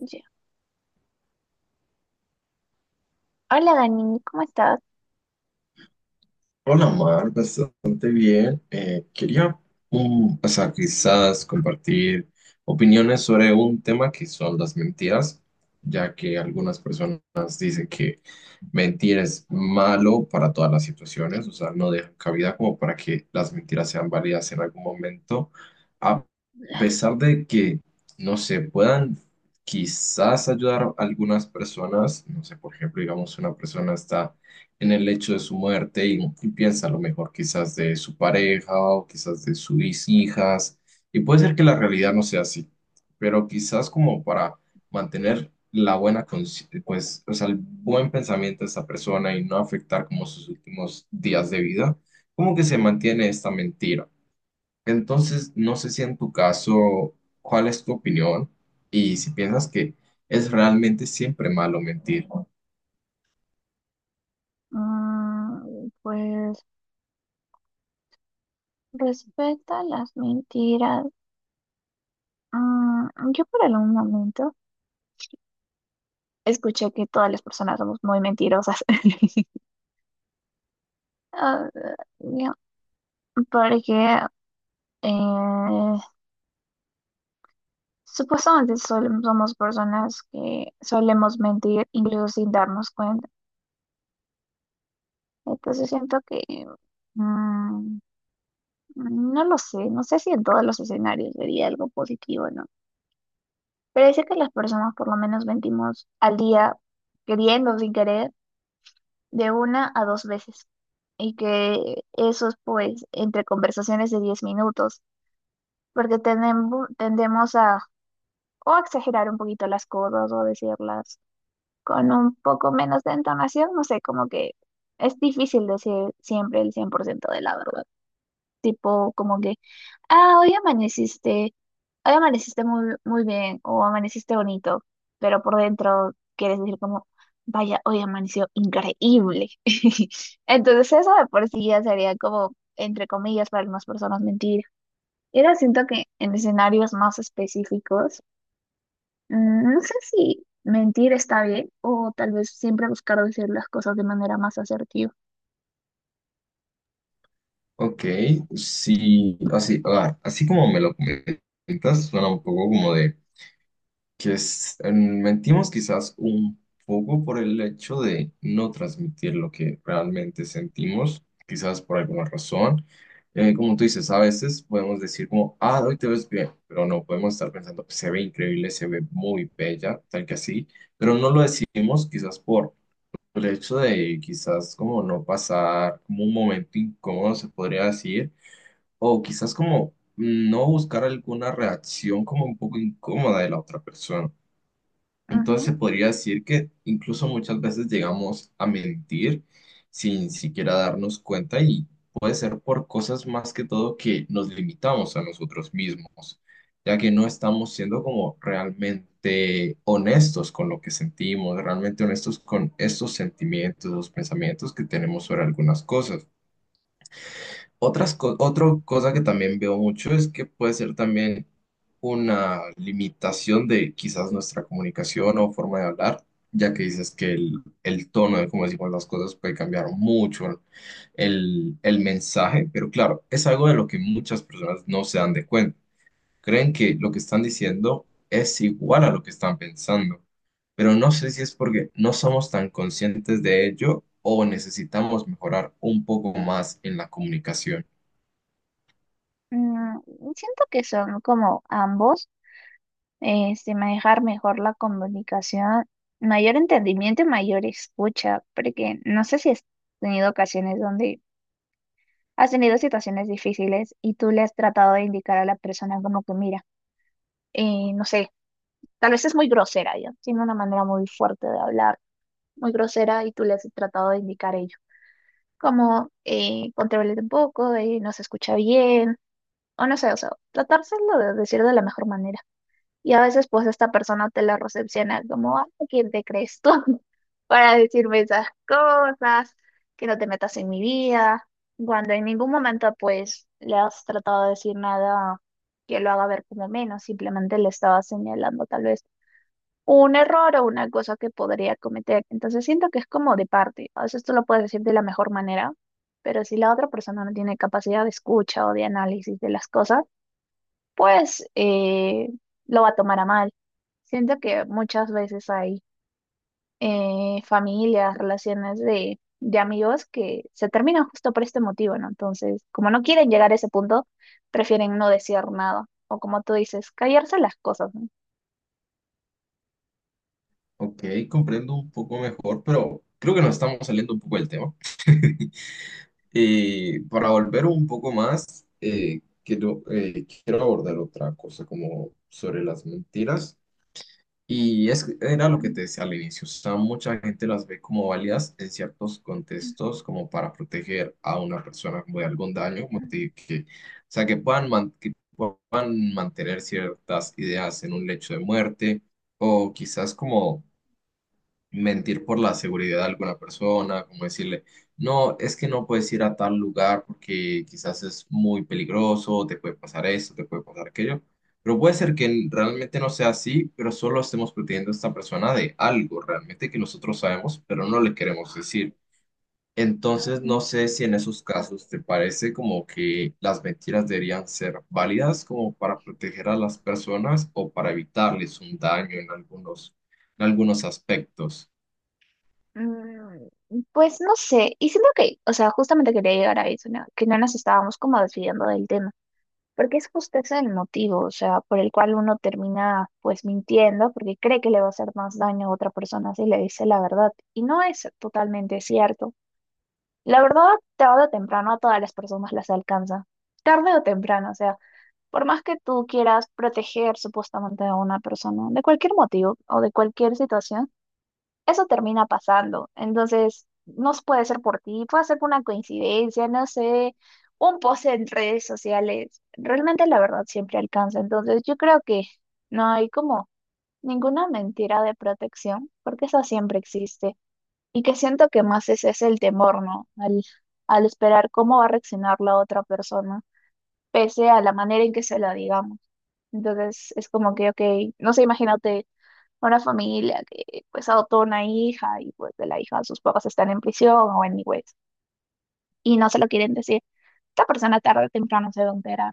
Ya. Hola Dani, ¿cómo estás? Hola, Mar, bastante bien. Quería o sea, quizás compartir opiniones sobre un tema que son las mentiras, ya que algunas personas dicen que mentir es malo para todas las situaciones, o sea, no dejan cabida como para que las mentiras sean válidas en algún momento, a pesar de que no se puedan quizás ayudar a algunas personas, no sé, por ejemplo, digamos, una persona está en el hecho de su muerte y piensa a lo mejor quizás de su pareja o quizás de sus hijas. Y puede ser que la realidad no sea así, pero quizás como para mantener la buena, pues, o sea, el buen pensamiento de esta persona y no afectar como sus últimos días de vida, como que se mantiene esta mentira. Entonces, no sé si en tu caso, ¿cuál es tu opinión? Y si piensas que es realmente siempre malo mentir. Pues respeta las mentiras, yo por algún momento escuché que todas las personas somos muy mentirosas. Ah, ya, porque eh, supuestamente somos personas que solemos mentir incluso sin darnos cuenta. Entonces siento que mm, no lo sé, no sé si en todos los escenarios sería algo positivo, ¿no? Parece que las personas por lo menos mentimos al día, queriendo o sin querer, de una a dos veces. Y que eso es pues entre conversaciones de 10 minutos, porque tenemos, tendemos a o exagerar un poquito las cosas o decirlas con un poco menos de entonación, no sé, como que es difícil decir siempre el 100% de la verdad. Tipo, como que, ah, hoy amaneciste muy, muy bien o amaneciste bonito, pero por dentro quieres decir como, vaya, hoy amaneció increíble. Entonces eso de por sí ya sería como, entre comillas, para algunas personas mentira. Y ahora siento que en escenarios más específicos, no sé si mentir está bien o tal vez siempre buscar decir las cosas de manera más asertiva. Ok, sí, así, así como me lo comentas, suena un poco como de mentimos quizás un poco por el hecho de no transmitir lo que realmente sentimos, quizás por alguna razón. Como tú dices, a veces podemos decir como, ah, hoy te ves bien, pero no podemos estar pensando, se ve increíble, se ve muy bella, tal que así, pero no lo decimos quizás por el hecho de quizás como no pasar como un momento incómodo, se podría decir o quizás como no buscar alguna reacción como un poco incómoda de la otra persona. Entonces Ujú. se podría decir que incluso muchas veces llegamos a mentir sin siquiera darnos cuenta y puede ser por cosas más que todo que nos limitamos a nosotros mismos, ya que no estamos siendo como realmente honestos con lo que sentimos, realmente honestos con estos sentimientos, los pensamientos que tenemos sobre algunas cosas. Otra cosa que también veo mucho es que puede ser también una limitación de quizás nuestra comunicación o forma de hablar, ya que dices que el tono de cómo decimos las cosas puede cambiar mucho el mensaje, pero claro, es algo de lo que muchas personas no se dan de cuenta. Creen que lo que están diciendo es igual a lo que están pensando, pero no sé si es porque no somos tan conscientes de ello o necesitamos mejorar un poco más en la comunicación. Mm, siento que son como ambos. Este, manejar mejor la comunicación, mayor entendimiento y mayor escucha, porque no sé si has tenido ocasiones donde has tenido situaciones difíciles y tú le has tratado de indicar a la persona como que mira, no sé, tal vez es muy grosera, ya, tiene una manera muy fuerte de hablar, muy grosera y tú le has tratado de indicar ello, como "Contrólate un poco, no se escucha bien, o no sé, o sea, tratárselo de decir de la mejor manera. Y a veces pues esta persona te la recepciona como, "Ah, ¿quién te crees tú? Para decirme esas cosas, que no te metas en mi vida, cuando en ningún momento pues le has tratado de decir nada que lo haga ver como menos, simplemente le estaba señalando tal vez un error o una cosa que podría cometer. Entonces siento que es como de parte, a veces tú lo puedes decir de la mejor manera, pero si la otra persona no tiene capacidad de escucha o de análisis de las cosas, pues lo va a tomar a mal. Siento que muchas veces hay familias, relaciones de amigos que se terminan justo por este motivo, ¿no? Entonces, como no quieren llegar a ese punto, prefieren no decir nada. O como tú dices, callarse las cosas, ¿no? Ok, comprendo un poco mejor, pero creo que nos estamos saliendo un poco del tema. Y para volver un poco más, quiero abordar otra cosa como sobre las mentiras. Y es, era lo que te decía al inicio, o sea, mucha gente las ve como válidas en ciertos contextos como para proteger a una persona como de algún daño, como te dije, o sea, que que puedan mantener ciertas ideas en un lecho de muerte o quizás como mentir por la seguridad de alguna persona, como decirle, no, es que no puedes ir a tal lugar porque quizás es muy peligroso, te puede pasar esto, te puede pasar aquello. Pero puede ser que realmente no sea así, pero solo estemos protegiendo a esta persona de algo realmente que nosotros sabemos, pero no le queremos decir. Entonces, no Ujú. sé si en esos casos te parece como que las mentiras deberían ser válidas como para proteger a las personas o para evitarles un daño en algunos aspectos. Mm, Pues no sé, y siento que, o sea, justamente quería llegar a eso, ¿no? Que no nos estábamos como desviando del tema. Porque es justo ese el motivo, o sea, por el cual uno termina pues mintiendo porque cree que le va a hacer más daño a otra persona si le dice la verdad. Y no es totalmente cierto. La verdad, tarde o temprano a todas las personas las alcanza. Tarde o temprano, o sea, por más que tú quieras proteger supuestamente a una persona de cualquier motivo o de cualquier situación, eso termina pasando. Entonces, no puede ser por ti, puede ser por una coincidencia, no sé, un post en redes sociales. Realmente la verdad siempre alcanza. Entonces, yo creo que no hay como ninguna mentira de protección, porque eso siempre existe. Y que siento que más ese es el temor, ¿no? Al esperar cómo va a reaccionar la otra persona, pese a la manera en que se la digamos. Entonces, es como que, ok, no sé, imagínate una familia que pues adoptó una hija y pues de la hija sus papás están en prisión o en anyways y no se lo quieren decir. Esta persona tarde o temprano se va a enterar.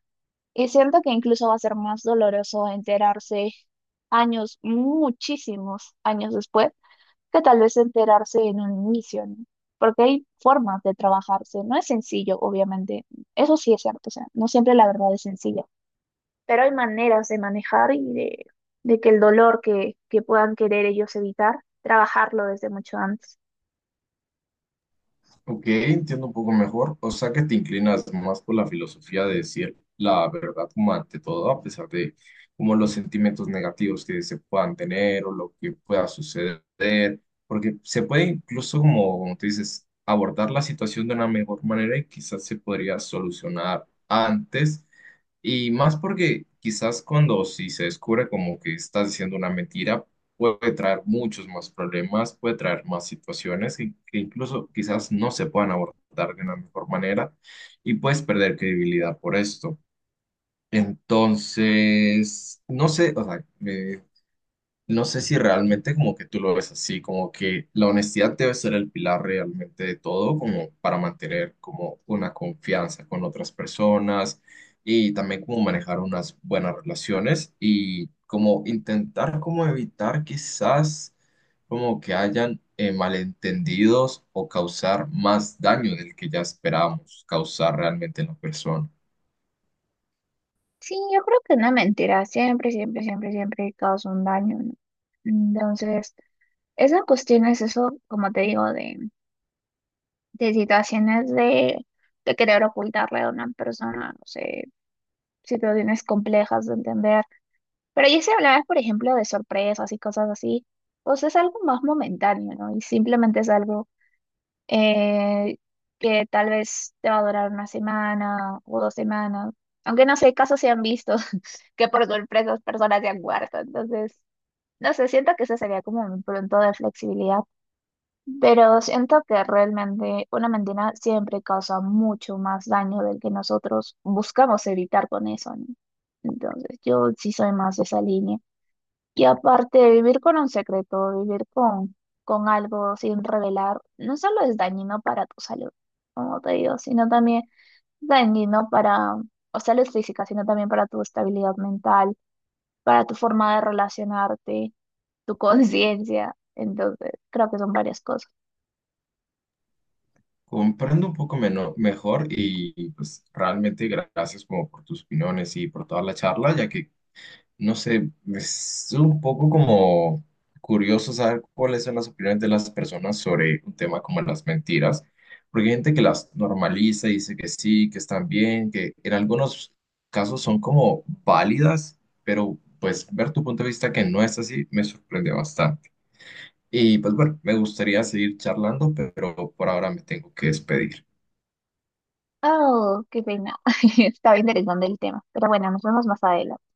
Y siento que incluso va a ser más doloroso enterarse años, muchísimos años después, que tal vez enterarse en un inicio, ¿no? Porque hay formas de trabajarse, no es sencillo, obviamente. Eso sí es cierto, o sea, no siempre la verdad es sencilla. Pero hay maneras de manejar y de que el dolor que puedan querer ellos evitar, trabajarlo desde mucho antes. Ok, entiendo un poco mejor. O sea que te inclinas más por la filosofía de decir la verdad como ante todo, a pesar de como los sentimientos negativos que se puedan tener o lo que pueda suceder, porque se puede incluso como, como tú dices, abordar la situación de una mejor manera y quizás se podría solucionar antes. Y más porque quizás cuando si se descubre como que estás diciendo una mentira, puede traer muchos más problemas, puede traer más situaciones que incluso quizás no se puedan abordar de una mejor manera y puedes perder credibilidad por esto. Entonces, no sé, o sea, no sé si realmente como que tú lo ves así, como que la honestidad debe ser el pilar realmente de todo, como para mantener como una confianza con otras personas y también como manejar unas buenas relaciones y como intentar como evitar quizás como que hayan malentendidos o causar más daño del que ya esperábamos causar realmente en la persona. Sí, yo creo que una mentira siempre, siempre, siempre, siempre causa un daño, ¿no? Entonces, esa cuestión es eso, como te digo, de situaciones de querer ocultarle a una persona, no sé, situaciones complejas de entender. Pero ya si hablabas, por ejemplo, de sorpresas y cosas así, pues es algo más momentáneo, ¿no? Y simplemente es algo eh, que tal vez te va a durar una semana o 2 semanas, aunque no sé, casos se han visto que por sorpresas personas se han muerto, entonces, no sé, siento que eso sería como un punto de flexibilidad, pero siento que realmente una mentira siempre causa mucho más daño del que nosotros buscamos evitar con eso, ¿no? Entonces, yo sí soy más de esa línea. Y aparte de vivir con un secreto, vivir con algo sin revelar, no solo es dañino para tu salud, como te digo, sino también dañino para, o salud física, sino también para tu estabilidad mental, para tu forma de relacionarte, tu conciencia. Entonces, creo que son varias cosas. Comprendo un poco mejor y pues realmente gracias como por tus opiniones y por toda la charla, ya que no sé, es un poco como curioso saber cuáles son las opiniones de las personas sobre un tema como las mentiras, porque hay gente que las normaliza y dice que sí, que están bien, que en algunos casos son como válidas, pero pues ver tu punto de vista que no es así me sorprende bastante. Y pues bueno, me gustaría seguir charlando, pero por ahora me tengo que despedir. Oh, qué pena. Estaba interesante el tema. Pero bueno, nos vemos más adelante.